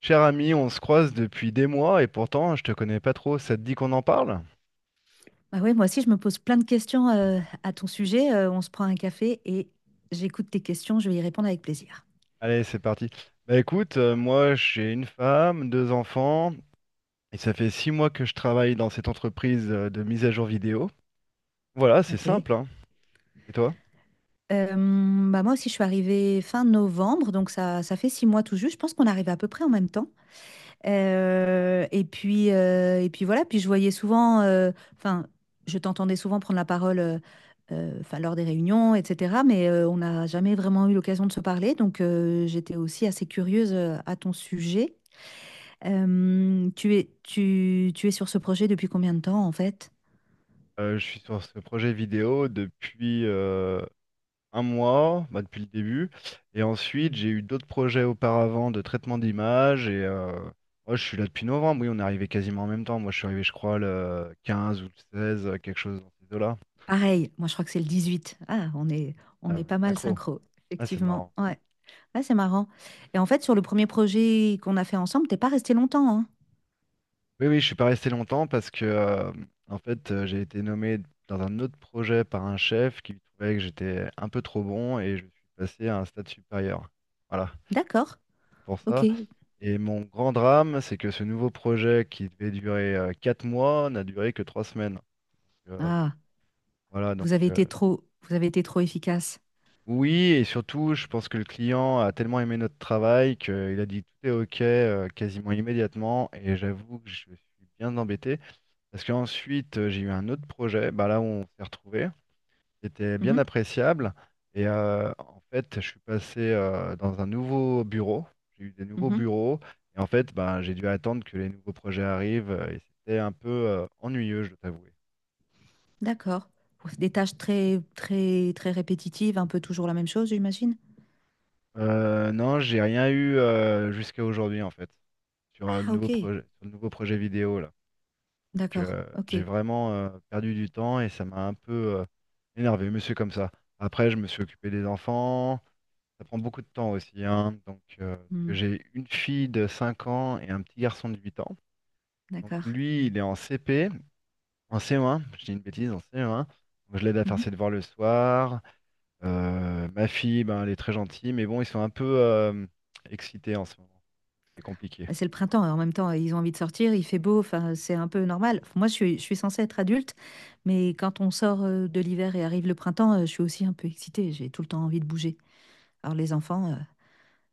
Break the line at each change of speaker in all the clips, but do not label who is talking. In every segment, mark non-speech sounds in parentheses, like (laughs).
Cher ami, on se croise depuis des mois et pourtant je te connais pas trop. Ça te dit qu'on en parle?
Bah ouais, moi aussi, je me pose plein de questions à ton sujet. On se prend un café et j'écoute tes questions. Je vais y répondre avec plaisir.
Allez, c'est parti. Bah écoute, moi j'ai une femme, deux enfants, et ça fait 6 mois que je travaille dans cette entreprise de mise à jour vidéo. Voilà, c'est
Ok.
simple, hein. Et toi?
Euh, Bah moi aussi, je suis arrivée fin novembre, donc ça fait six mois tout juste. Je pense qu'on arrive à peu près en même temps. Et puis voilà. Puis je voyais souvent, enfin, je t'entendais souvent prendre la parole, enfin, lors des réunions, etc. Mais on n'a jamais vraiment eu l'occasion de se parler, donc j'étais aussi assez curieuse à ton sujet. Tu es sur ce projet depuis combien de temps en fait?
Je suis sur ce projet vidéo depuis un mois, bah, depuis le début. Et ensuite, j'ai eu d'autres projets auparavant de traitement d'image. Et moi, je suis là depuis novembre. Oui, on est arrivé quasiment en même temps. Moi, je suis arrivé, je crois, le 15 ou le 16, quelque chose dans ces eaux-là.
Pareil, moi je crois que c'est le dix-huit.
Ah,
On
on
est
est
pas mal
synchro.
synchro,
Ah, c'est
effectivement.
marrant.
Ouais, ouais, c'est marrant. Et en fait, sur le premier projet qu'on a fait ensemble, t'es pas resté longtemps, hein?
Oui, oui, je suis pas resté longtemps parce que, en fait, j'ai été nommé dans un autre projet par un chef qui trouvait que j'étais un peu trop bon et je suis passé à un stade supérieur. Voilà,
D'accord,
c'est pour
ok.
ça. Et mon grand drame, c'est que ce nouveau projet qui devait durer 4 mois n'a duré que 3 semaines. Euh,
Ah,
voilà, donc
vous avez été trop efficace.
oui, et surtout, je pense que le client a tellement aimé notre travail qu'il a dit tout est OK, quasiment immédiatement. Et j'avoue que je suis bien embêté parce qu'ensuite, j'ai eu un autre projet, bah, là où on s'est retrouvé. C'était bien
Mhm,
appréciable. Et en fait, je suis passé dans un nouveau bureau. J'ai eu des nouveaux
mhm.
bureaux. Et en fait, ben, j'ai dû attendre que les nouveaux projets arrivent. Et c'était un peu ennuyeux, je dois t'avouer.
D'accord. Ouais, des tâches très, très, très répétitives, un peu toujours la même chose, j'imagine.
Non, j'ai rien eu jusqu'à aujourd'hui, en fait, sur le
Ah, ok.
nouveau projet, sur le nouveau projet vidéo, là. Donc,
D'accord. Ok.
j'ai vraiment perdu du temps et ça m'a un peu euh, énervé, monsieur, comme ça. Après, je me suis occupé des enfants. Ça prend beaucoup de temps aussi, hein. Donc, parce que
Hmm,
j'ai une fille de 5 ans et un petit garçon de 8 ans. Donc
d'accord.
lui, il est en CP, en CE1, je dis une bêtise, en CE1. Donc je l'aide à faire
Mhm.
ses devoirs le soir. Ma fille, ben, elle est très gentille, mais bon, ils sont un peu excités en ce moment. C'est compliqué.
Bah, c'est le printemps, et en même temps, ils ont envie de sortir, il fait beau, enfin, c'est un peu normal. Moi, je suis censée être adulte, mais quand on sort de l'hiver et arrive le printemps, je suis aussi un peu excitée, j'ai tout le temps envie de bouger. Alors les enfants,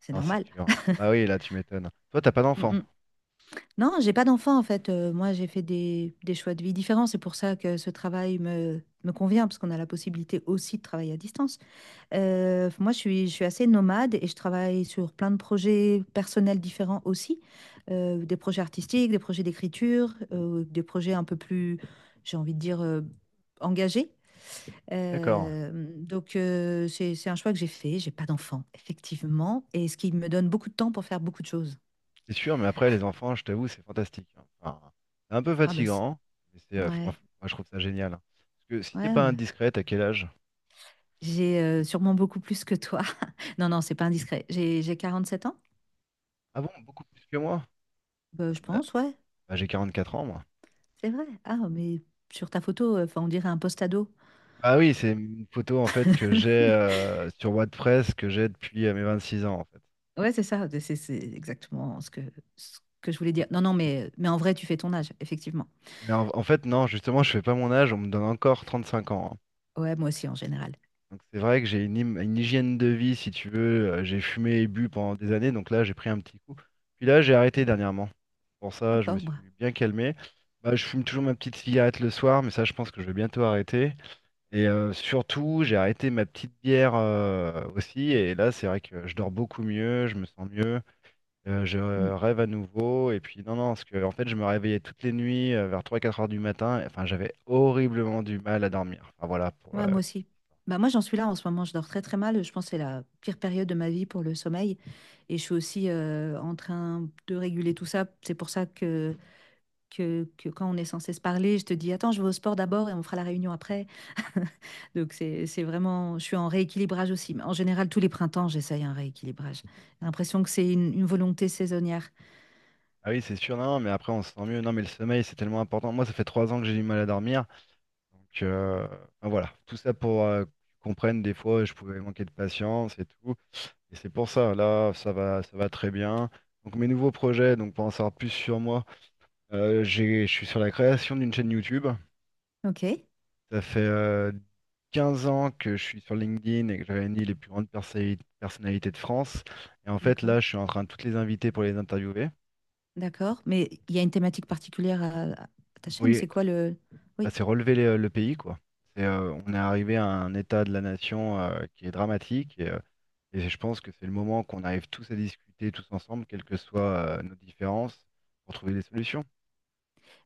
c'est
Non, c'est
normal.
sûr. Bah oui,
(laughs)
là, tu m'étonnes. Toi, t'as pas d'enfant.
Non, j'ai pas d'enfant en fait. Moi, j'ai fait des choix de vie différents. C'est pour ça que ce travail me convient, parce qu'on a la possibilité aussi de travailler à distance. Moi, je suis assez nomade et je travaille sur plein de projets personnels différents aussi. Des projets artistiques, des projets d'écriture, des projets un peu plus, j'ai envie de dire, engagés.
D'accord.
Donc c'est un choix que j'ai fait. J'ai pas d'enfant, effectivement. Et ce qui me donne beaucoup de temps pour faire beaucoup de choses.
C'est sûr, mais après, les enfants, je t'avoue, c'est fantastique, hein. Enfin, c'est un peu
Ah, bah, c'est-
fatigant, mais
ouais,
moi, je trouve ça génial, hein. Parce que si c'est
ouais.
pas indiscret, à quel âge?
J'ai sûrement beaucoup plus que toi. (laughs) Non, non, c'est pas indiscret. J'ai 47 ans.
Ah bon, beaucoup plus que moi?
Bah, je
Attends,
pense, ouais,
bah, j'ai 44 ans, moi.
c'est vrai. Ah, mais sur ta photo, enfin, on dirait un post-ado.
Ah oui, c'est une photo en fait que j'ai
(laughs)
sur WordPress que j'ai depuis mes 26 ans en fait.
Ouais, c'est ça, c'est exactement ce que je voulais dire. Non, non, mais en vrai, tu fais ton âge, effectivement.
Mais en fait, non, justement, je fais pas mon âge, on me donne encore 35 ans, hein.
Ouais, moi aussi, en général.
Donc c'est vrai que j'ai une hygiène de vie, si tu veux. J'ai fumé et bu pendant des années, donc là, j'ai pris un petit coup. Puis là, j'ai arrêté
Mm.
dernièrement. Pour ça, je me
D'accord,
suis
moi.
bien calmé. Bah, je fume toujours ma petite cigarette le soir, mais ça, je pense que je vais bientôt arrêter. Et surtout, j'ai arrêté ma petite bière aussi. Et là, c'est vrai que je dors beaucoup mieux, je me sens mieux, je
Mm.
rêve à nouveau. Et puis, non, non, parce que en fait, je me réveillais toutes les nuits vers 3-4 heures du matin. Enfin, j'avais horriblement du mal à dormir. Enfin, voilà.
Ouais, moi aussi. Bah, moi, j'en suis là en ce moment, je dors très très mal. Je pense que c'est la pire période de ma vie pour le sommeil. Et je suis aussi en train de réguler tout ça. C'est pour ça que quand on est censé se parler, je te dis, attends, je vais au sport d'abord et on fera la réunion après. (laughs) C'est vraiment, je suis en rééquilibrage aussi. Mais en général, tous les printemps, j'essaye un rééquilibrage. J'ai l'impression que c'est une volonté saisonnière.
Ah oui, c'est sûr, non, non, mais après, on se sent mieux. Non, mais le sommeil, c'est tellement important. Moi, ça fait 3 ans que j'ai du mal à dormir. Donc, enfin, voilà. Tout ça pour que tu comprennes, des fois, je pouvais manquer de patience et tout. Et c'est pour ça, là, ça va très bien. Donc mes nouveaux projets, donc pour en savoir plus sur moi, je suis sur la création d'une chaîne YouTube.
Ok,
Ça fait 15 ans que je suis sur LinkedIn et que je réunis les plus grandes personnalités de France. Et en fait,
d'accord,
là, je suis en train de toutes les inviter pour les interviewer.
d'accord. Mais il y a une thématique particulière à ta chaîne,
Oui,
c'est quoi le...
bah,
Oui,
c'est relever le pays, quoi. C'est, on est arrivé à un état de la nation qui est dramatique et, et je pense que c'est le moment qu'on arrive tous à discuter tous ensemble, quelles que soient nos différences, pour trouver des solutions.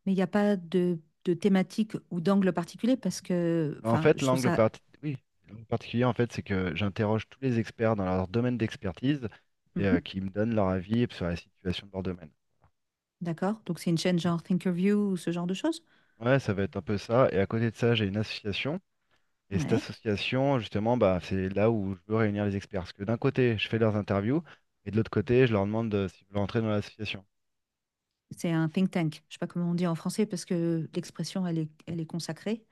mais il n'y a pas de thématique ou d'angle particulier parce que,
En
enfin,
fait,
je trouve ça...
l'angle particulier, en fait, c'est que j'interroge tous les experts dans leur domaine d'expertise et
Mhm,
qui me donnent leur avis sur la situation de leur domaine.
d'accord, donc c'est une chaîne genre Thinkerview ou ce genre de choses?
Ouais, ça va être un peu ça. Et à côté de ça, j'ai une association. Et cette
Ouais.
association, justement, bah, c'est là où je veux réunir les experts. Parce que d'un côté, je fais leurs interviews et de l'autre côté, je leur demande s'ils veulent entrer dans l'association.
C'est un think tank. Je ne sais pas comment on dit en français parce que l'expression, elle est consacrée,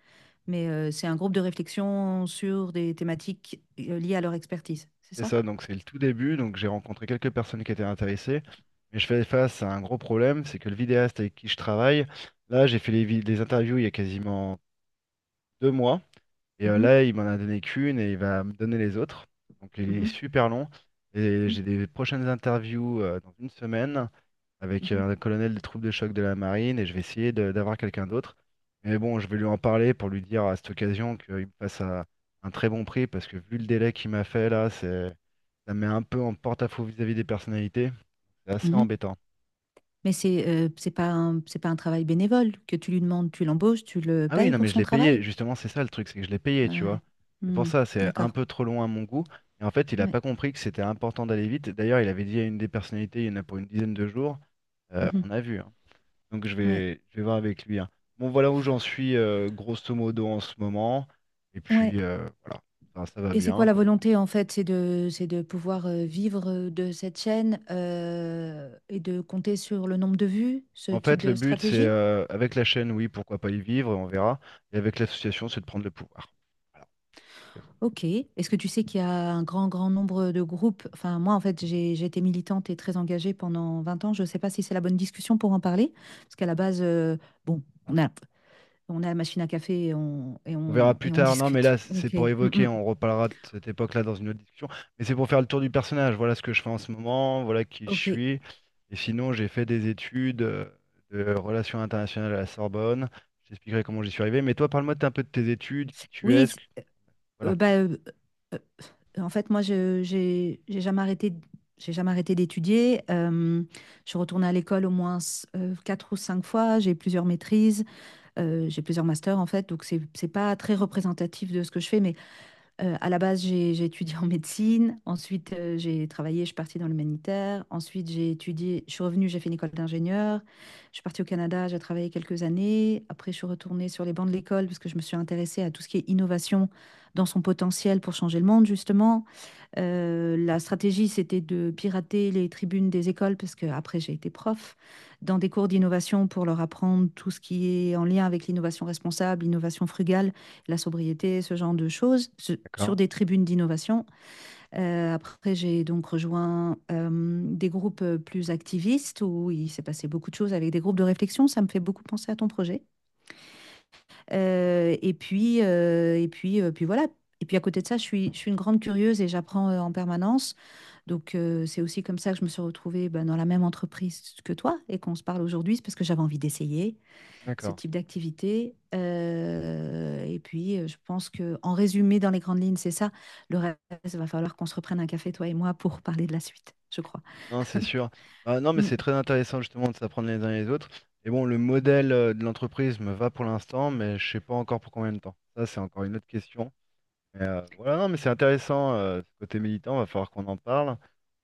mais c'est un groupe de réflexion sur des thématiques liées à leur expertise. C'est
C'est
ça?
ça, donc c'est le tout début. Donc j'ai rencontré quelques personnes qui étaient intéressées. Mais je fais face à un gros problème, c'est que le vidéaste avec qui je travaille, là, j'ai fait les interviews il y a quasiment 2 mois. Et
Mhm,
là, il m'en a donné qu'une et il va me donner les autres. Donc il est
mhm,
super long. Et
mhm,
j'ai des prochaines interviews dans une semaine avec un colonel des troupes de choc de la marine et je vais essayer d'avoir quelqu'un d'autre. Mais bon, je vais lui en parler pour lui dire à cette occasion qu'il me fasse à un très bon prix parce que vu le délai qu'il m'a fait là, c'est ça me met un peu en porte-à-faux vis-à-vis des personnalités. C'est assez
mhm, mhm.
embêtant.
Mais c'est c'est pas un travail bénévole que tu lui demandes, tu l'embauches, tu le
Ah oui,
payes
non, mais
pour
je
son
l'ai payé.
travail.
Justement, c'est ça le truc, c'est que je l'ai
Ah
payé, tu vois.
ouais.
C'est pour
Hmm,
ça, c'est un
d'accord.
peu trop long à mon goût. Et en fait, il a
Ouais.
pas compris que c'était important d'aller vite. D'ailleurs, il avait dit à une des personnalités, il y en a pour une dizaine de jours. Euh,
Mhm,
on a vu, hein. Donc,
ouais.
je vais voir avec lui, hein. Bon, voilà où j'en suis, grosso modo, en ce moment. Et
Ouais.
puis, voilà. Enfin, ça va
Et c'est quoi
bien,
la
quoi.
volonté en fait? C'est de pouvoir vivre de cette chaîne et de compter sur le nombre de vues, ce
En
type
fait, le
de
but, c'est
stratégie?
avec la chaîne, oui, pourquoi pas y vivre, on verra. Et avec l'association, c'est de prendre le pouvoir. Voilà.
Ok. Est-ce que tu sais qu'il y a un grand, grand nombre de groupes? Enfin, moi en fait, j'ai été militante et très engagée pendant 20 ans. Je ne sais pas si c'est la bonne discussion pour en parler, parce qu'à la base, bon, on a, on a la machine à café
On verra plus
et on
tard. Non, mais
discute.
là, c'est
Ok.
pour
Mm,
évoquer.
mm.
On reparlera de cette époque-là dans une autre discussion. Mais c'est pour faire le tour du personnage. Voilà ce que je fais en ce moment. Voilà qui je
Ok.
suis. Et sinon, j'ai fait des études de relations internationales à la Sorbonne. Je t'expliquerai comment j'y suis arrivé. Mais toi, parle-moi un peu de tes études, qui tu es.
Oui.
Voilà.
Euh, bah, euh, euh, En fait, moi, j'ai jamais arrêté d'étudier. Je suis retournée à l'école au moins quatre ou cinq fois. J'ai plusieurs maîtrises, j'ai plusieurs masters, en fait. Donc, c'est pas très représentatif de ce que je fais, mais à la base, j'ai étudié en médecine. Ensuite, j'ai travaillé, je suis partie dans l'humanitaire. Ensuite, j'ai étudié, je suis revenue, j'ai fait une école d'ingénieur. Je suis partie au Canada, j'ai travaillé quelques années. Après, je suis retournée sur les bancs de l'école parce que je me suis intéressée à tout ce qui est innovation dans son potentiel pour changer le monde, justement. La stratégie, c'était de pirater les tribunes des écoles parce que après, j'ai été prof dans des cours d'innovation pour leur apprendre tout ce qui est en lien avec l'innovation responsable, l'innovation frugale, la sobriété, ce genre de choses, sur
D'accord.
des tribunes d'innovation. Après, j'ai donc rejoint des groupes plus activistes où il s'est passé beaucoup de choses avec des groupes de réflexion. Ça me fait beaucoup penser à ton projet. Et puis voilà. Et puis à côté de ça, je suis une grande curieuse et j'apprends en permanence. Donc c'est aussi comme ça que je me suis retrouvée ben, dans la même entreprise que toi et qu'on se parle aujourd'hui, c'est parce que j'avais envie d'essayer ce
D'accord.
type d'activité. Je pense que, en résumé, dans les grandes lignes, c'est ça. Le reste, il va falloir qu'on se reprenne un café, toi et moi, pour parler de la suite, je crois.
Non, c'est sûr. Bah, non, mais
Mm.
c'est très intéressant justement de s'apprendre les uns les autres. Et bon, le modèle de l'entreprise me va pour l'instant, mais je sais pas encore pour combien de temps. Ça, c'est encore une autre question. Mais, voilà, non, mais c'est intéressant, ce côté militant, va falloir qu'on en parle.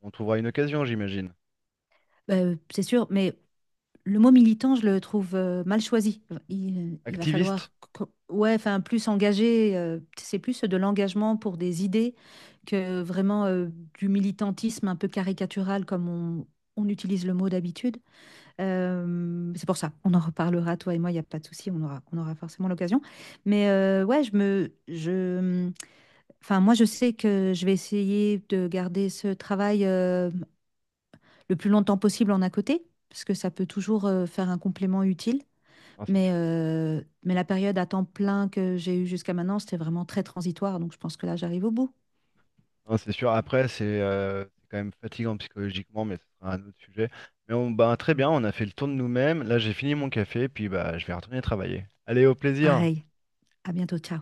On trouvera une occasion, j'imagine.
C'est sûr, mais le mot militant, je le trouve mal choisi. Il, il va falloir,
Activiste?
ouais, enfin, plus engagé. C'est plus de l'engagement pour des idées que vraiment du militantisme un peu caricatural on utilise le mot d'habitude. C'est pour ça, on en reparlera, toi et moi, il n'y a pas de souci, on aura forcément l'occasion. Mais enfin, moi, je sais que je vais essayer de garder ce travail le plus longtemps possible en à côté, parce que ça peut toujours faire un complément utile.
Non, c'est sûr.
Mais la période à temps plein que j'ai eue jusqu'à maintenant, c'était vraiment très transitoire, donc je pense que là, j'arrive au bout.
Non, c'est sûr. Après, c'est quand même fatigant psychologiquement, mais ce sera un autre sujet. Mais très bien, on a fait le tour de nous-mêmes. Là, j'ai fini mon café, puis bah, je vais retourner travailler. Allez, au plaisir!
Pareil, à bientôt, ciao.